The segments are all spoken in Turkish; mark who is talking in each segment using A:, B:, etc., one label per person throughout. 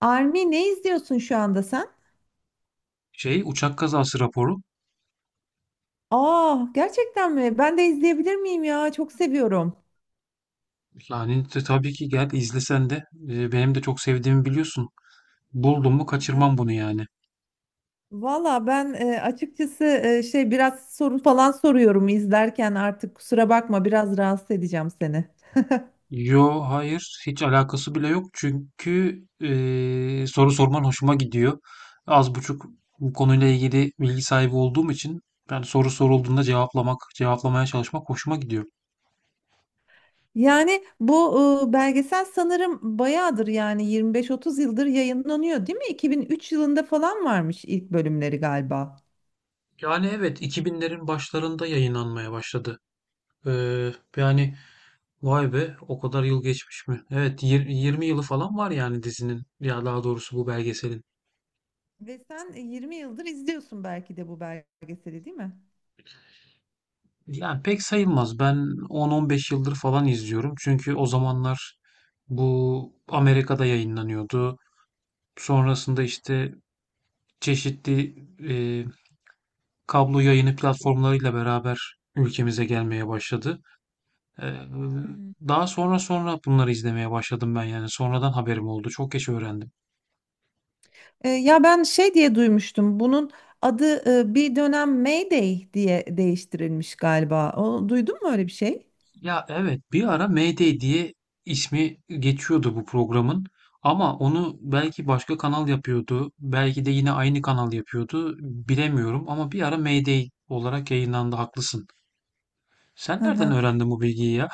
A: Army ne izliyorsun şu anda sen?
B: Şey uçak kazası raporu.
A: Aa, gerçekten mi? Ben de izleyebilir miyim ya? Çok seviyorum.
B: Yani tabii ki gel izlesen de benim de çok sevdiğimi biliyorsun. Buldum mu
A: Aha.
B: kaçırmam bunu yani.
A: Valla ben açıkçası biraz soru falan soruyorum izlerken artık kusura bakma biraz rahatsız edeceğim seni.
B: Yo, hayır, hiç alakası bile yok çünkü soru sorman hoşuma gidiyor. Az buçuk bu konuyla ilgili bilgi sahibi olduğum için ben soru sorulduğunda cevaplamak, cevaplamaya çalışmak hoşuma gidiyor.
A: Yani bu belgesel sanırım bayağıdır yani 25-30 yıldır yayınlanıyor değil mi? 2003 yılında falan varmış ilk bölümleri galiba.
B: Yani evet, 2000'lerin başlarında yayınlanmaya başladı. Ee, yani, vay be, o kadar yıl geçmiş mi? Evet, 20 yılı falan var yani dizinin, ya daha doğrusu bu belgeselin.
A: Ve sen 20 yıldır izliyorsun belki de bu belgeseli değil mi?
B: Yani pek sayılmaz. Ben 10-15 yıldır falan izliyorum. Çünkü o zamanlar bu Amerika'da yayınlanıyordu. Sonrasında işte çeşitli e, kablo yayını platformlarıyla beraber ülkemize gelmeye başladı. E,
A: Hı hı.
B: daha sonra bunları izlemeye başladım ben yani. Sonradan haberim oldu. Çok geç öğrendim.
A: Ya ben diye duymuştum. Bunun adı bir dönem Mayday diye değiştirilmiş galiba. O, duydun mu öyle bir şey?
B: Ya evet, bir ara MD diye ismi geçiyordu bu programın. Ama onu belki başka kanal yapıyordu. Belki de yine aynı kanal yapıyordu. Bilemiyorum ama bir ara MD olarak yayınlandı, haklısın. Sen
A: Hı
B: nereden
A: hı.
B: öğrendin bu bilgiyi ya?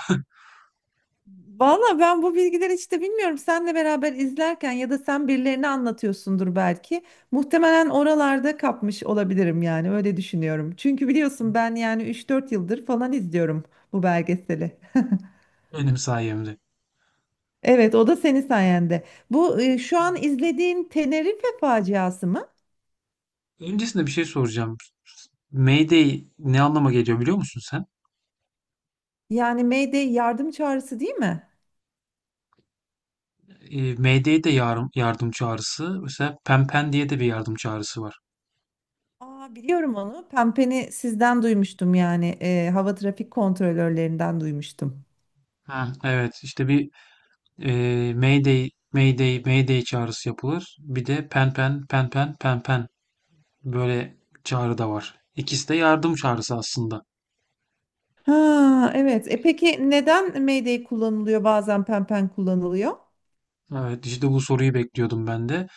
A: Valla ben bu bilgileri hiç de bilmiyorum. Senle beraber izlerken ya da sen birilerini anlatıyorsundur belki. Muhtemelen oralarda kapmış olabilirim yani öyle düşünüyorum. Çünkü biliyorsun ben yani üç dört yıldır falan izliyorum bu belgeseli.
B: Benim sayemde.
A: Evet, o da senin sayende. Bu şu an izlediğin Tenerife faciası mı?
B: Öncesinde bir şey soracağım. MD ne anlama geliyor, biliyor musun sen?
A: Yani Mayday yardım çağrısı değil mi?
B: MD de yardım, yardım çağrısı. Mesela Pempen diye de bir yardım çağrısı var.
A: Aa, biliyorum onu. Pempeni sizden duymuştum yani. Hava trafik kontrolörlerinden duymuştum.
B: Ha, evet, işte bir Mayday, Mayday, Mayday çağrısı yapılır. Bir de pen pen, pen pen, pen pen böyle çağrı da var. İkisi de yardım çağrısı aslında.
A: Ha, evet. E peki neden Mayday kullanılıyor, bazen pempen kullanılıyor?
B: Evet, işte bu soruyu bekliyordum ben de.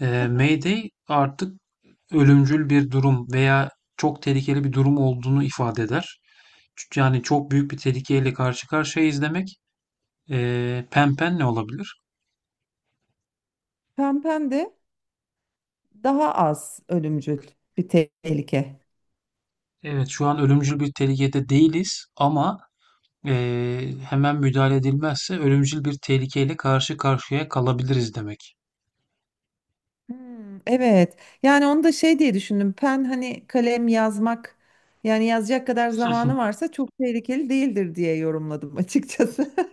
B: Mayday artık ölümcül bir durum veya çok tehlikeli bir durum olduğunu ifade eder. Yani çok büyük bir tehlikeyle karşı karşıyayız demek. Pen pen ne olabilir?
A: Pempen de daha az ölümcül bir tehlike.
B: Evet, şu an ölümcül bir tehlikede değiliz ama hemen müdahale edilmezse ölümcül bir tehlikeyle karşı karşıya kalabiliriz demek.
A: Hmm, evet. Yani onu da diye düşündüm. Pen hani kalem yazmak yani yazacak kadar zamanı varsa çok tehlikeli değildir diye yorumladım açıkçası.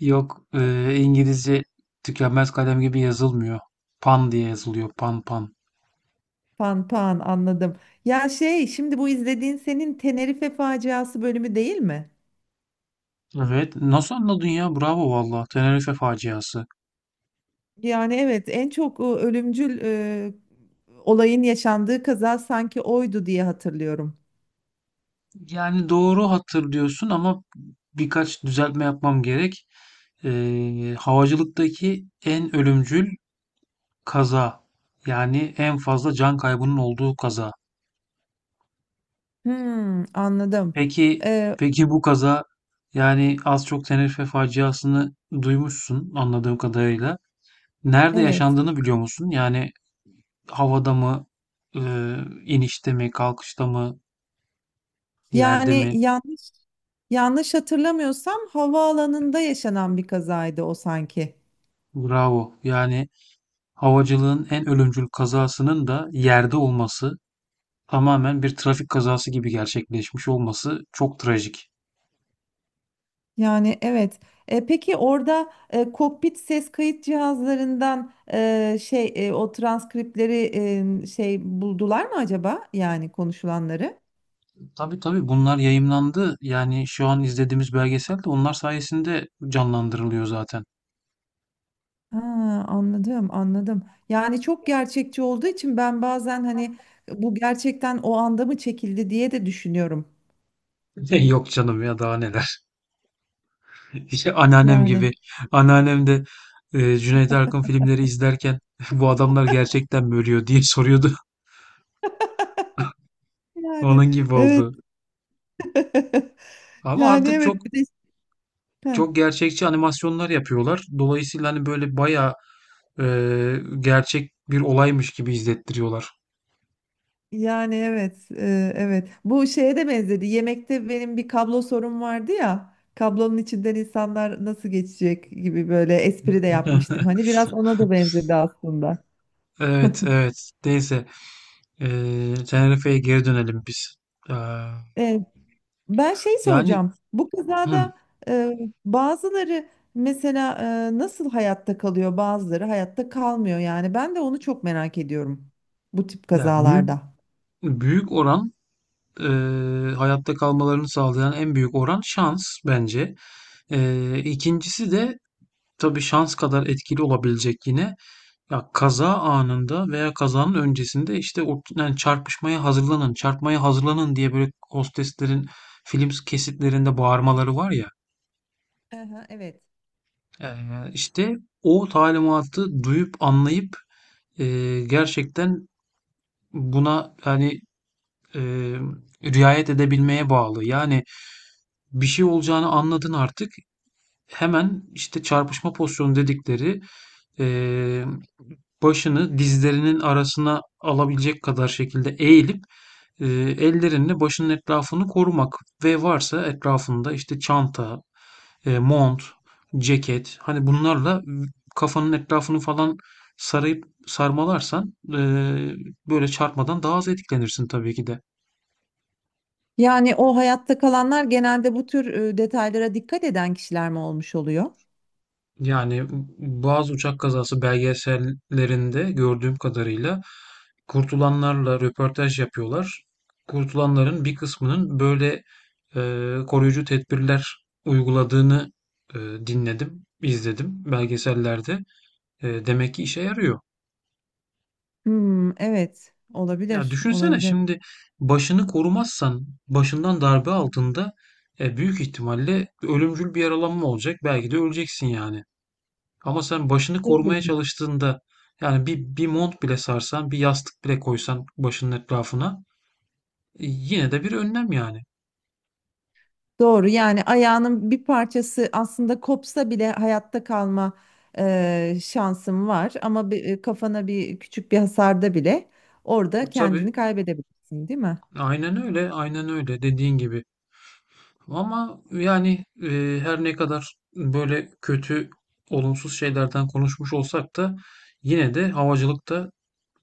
B: Yok, İngilizce tükenmez kalem gibi yazılmıyor. Pan diye yazılıyor. Pan pan.
A: Panpan anladım. Ya şimdi bu izlediğin senin Tenerife faciası bölümü değil mi?
B: Evet. Nasıl anladın ya? Bravo valla. Tenerife faciası.
A: Yani evet, en çok ölümcül olayın yaşandığı kaza sanki oydu diye hatırlıyorum.
B: Yani doğru hatırlıyorsun ama birkaç düzeltme yapmam gerek. Havacılıktaki en ölümcül kaza. Yani en fazla can kaybının olduğu kaza.
A: Hmm, anladım.
B: Peki,
A: Ee,
B: peki bu kaza, yani az çok Tenerife faciasını duymuşsun anladığım kadarıyla. Nerede
A: evet.
B: yaşandığını biliyor musun? Yani havada mı, e, inişte mi, kalkışta mı, yerde
A: Yani
B: mi?
A: yanlış Yanlış hatırlamıyorsam havaalanında yaşanan bir kazaydı o sanki.
B: Bravo. Yani havacılığın en ölümcül kazasının da yerde olması, tamamen bir trafik kazası gibi gerçekleşmiş olması çok trajik.
A: Yani evet. E, peki orada kokpit ses kayıt cihazlarından o transkripleri buldular mı acaba? Yani konuşulanları.
B: Tabii tabii, bunlar yayımlandı. Yani şu an izlediğimiz belgesel de onlar sayesinde canlandırılıyor zaten.
A: Ha, anladım, anladım. Yani çok gerçekçi olduğu için ben bazen hani bu gerçekten o anda mı çekildi diye de düşünüyorum.
B: Yok canım ya, daha neler. İşte anneannem
A: Yani
B: gibi. Anneannem de Cüneyt Arkın filmleri izlerken bu adamlar gerçekten mi ölüyor diye soruyordu.
A: yani
B: Onun gibi
A: evet.
B: oldu. Ama
A: Yani
B: artık çok
A: evet, bir de heh.
B: çok gerçekçi animasyonlar yapıyorlar. Dolayısıyla hani böyle bayağı e, gerçek bir olaymış gibi izlettiriyorlar.
A: Yani evet, evet. Bu şeye de benzedi. Yemekte benim bir kablo sorun vardı ya. Kablonun içinden insanlar nasıl geçecek gibi böyle espri de yapmıştım. Hani biraz ona da benzedi aslında.
B: Evet, evet. Neyse. Tenerife'ye geri dönelim biz. Ee,
A: E, ben
B: yani
A: soracağım. Bu
B: hı,
A: kazada e, bazıları mesela nasıl hayatta kalıyor, bazıları hayatta kalmıyor. Yani ben de onu çok merak ediyorum bu tip
B: ya büyük
A: kazalarda.
B: büyük oran, e, hayatta kalmalarını sağlayan en büyük oran şans bence. İkincisi de tabii şans kadar etkili olabilecek yine. Ya kaza anında veya kazanın öncesinde işte o, yani çarpışmaya hazırlanın, çarpmaya hazırlanın diye böyle hosteslerin film kesitlerinde bağırmaları var ya.
A: Hı hı, evet.
B: İşte o talimatı duyup anlayıp e, gerçekten buna yani e, riayet edebilmeye bağlı. Yani bir şey olacağını anladın artık. Hemen işte çarpışma pozisyonu dedikleri, e, başını dizlerinin arasına alabilecek kadar şekilde eğilip e, ellerinle başının etrafını korumak ve varsa etrafında işte çanta, mont, ceket, hani bunlarla kafanın etrafını falan sarayıp sarmalarsan böyle çarpmadan daha az etkilenirsin tabii ki de.
A: Yani o hayatta kalanlar genelde bu tür detaylara dikkat eden kişiler mi olmuş oluyor?
B: Yani bazı uçak kazası belgesellerinde gördüğüm kadarıyla kurtulanlarla röportaj yapıyorlar. Kurtulanların bir kısmının böyle koruyucu tedbirler uyguladığını dinledim, izledim belgesellerde. Demek ki işe yarıyor.
A: Hmm, evet,
B: Ya
A: olabilir,
B: düşünsene
A: olabilir.
B: şimdi, başını korumazsan başından darbe altında büyük ihtimalle ölümcül bir yaralanma olacak. Belki de öleceksin yani. Ama sen başını
A: Doğru.
B: korumaya çalıştığında, yani bir, bir mont bile sarsan, bir yastık bile koysan başının etrafına, yine de bir önlem yani.
A: Doğru, yani ayağının bir parçası aslında kopsa bile hayatta kalma şansın var, ama bir, kafana bir küçük bir hasarda bile orada
B: Tabii,
A: kendini kaybedebilirsin, değil mi?
B: aynen öyle, aynen öyle dediğin gibi. Ama yani her ne kadar böyle kötü, olumsuz şeylerden konuşmuş olsak da yine de havacılıkta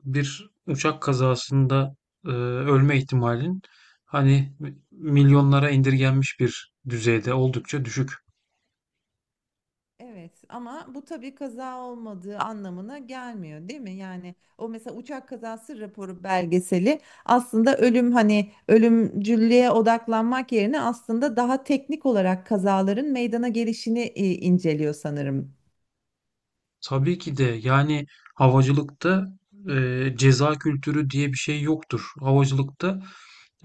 B: bir uçak kazasında ölme ihtimalin hani milyonlara indirgenmiş bir düzeyde oldukça düşük.
A: Evet, ama bu tabii kaza olmadığı anlamına gelmiyor değil mi? Yani o mesela uçak kazası raporu belgeseli aslında ölüm hani ölümcüllüğe odaklanmak yerine aslında daha teknik olarak kazaların meydana gelişini inceliyor sanırım.
B: Tabii ki de yani havacılıkta ceza kültürü diye bir şey yoktur. Havacılıkta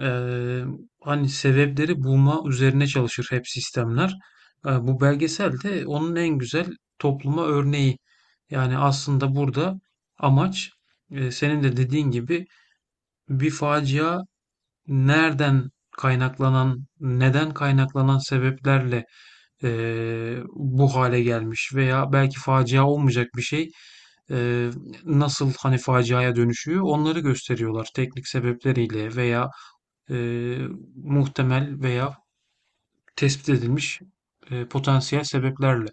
B: eee, hani sebepleri bulma üzerine çalışır hep sistemler. Bu belgesel de onun en güzel topluma örneği. Yani aslında burada amaç, senin de dediğin gibi bir facia nereden kaynaklanan, neden kaynaklanan sebeplerle bu hale gelmiş veya belki facia olmayacak bir şey eee, nasıl hani faciaya dönüşüyor, onları gösteriyorlar teknik sebepleriyle veya eee, muhtemel veya tespit edilmiş potansiyel sebeplerle.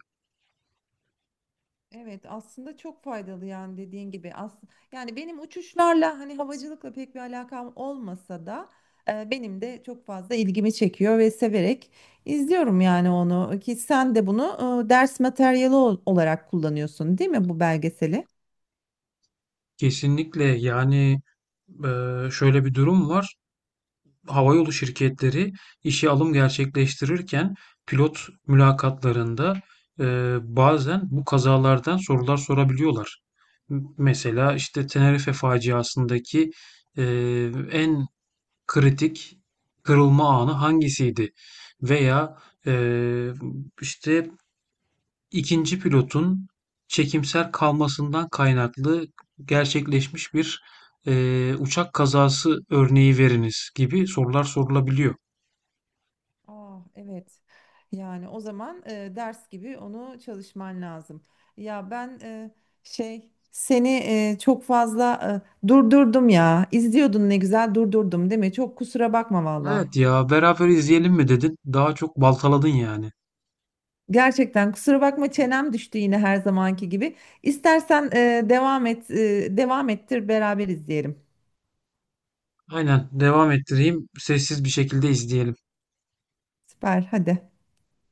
A: Evet, aslında çok faydalı yani dediğin gibi. Yani benim uçuşlarla hani havacılıkla pek bir alakam olmasa da benim de çok fazla ilgimi çekiyor ve severek izliyorum yani onu. Ki sen de bunu ders materyali olarak kullanıyorsun değil mi bu belgeseli?
B: Kesinlikle yani, şöyle bir durum var. Havayolu şirketleri işe alım gerçekleştirirken pilot mülakatlarında e, bazen bu kazalardan sorular sorabiliyorlar. Mesela işte Tenerife faciasındaki e, en kritik kırılma anı hangisiydi? Veya e, işte ikinci pilotun çekimser kalmasından kaynaklı gerçekleşmiş bir uçak kazası örneği veriniz gibi sorular sorulabiliyor.
A: Ah, evet. Yani o zaman ders gibi onu çalışman lazım. Ya ben seni çok fazla durdurdum ya. İzliyordun ne güzel, durdurdum değil mi? Çok kusura bakma valla.
B: Evet ya, beraber izleyelim mi dedin? Daha çok baltaladın yani.
A: Gerçekten kusura bakma, çenem düştü yine her zamanki gibi. İstersen devam et, devam ettir, beraber izleyelim.
B: Aynen, devam ettireyim. Sessiz bir şekilde izleyelim.
A: Süper, hadi.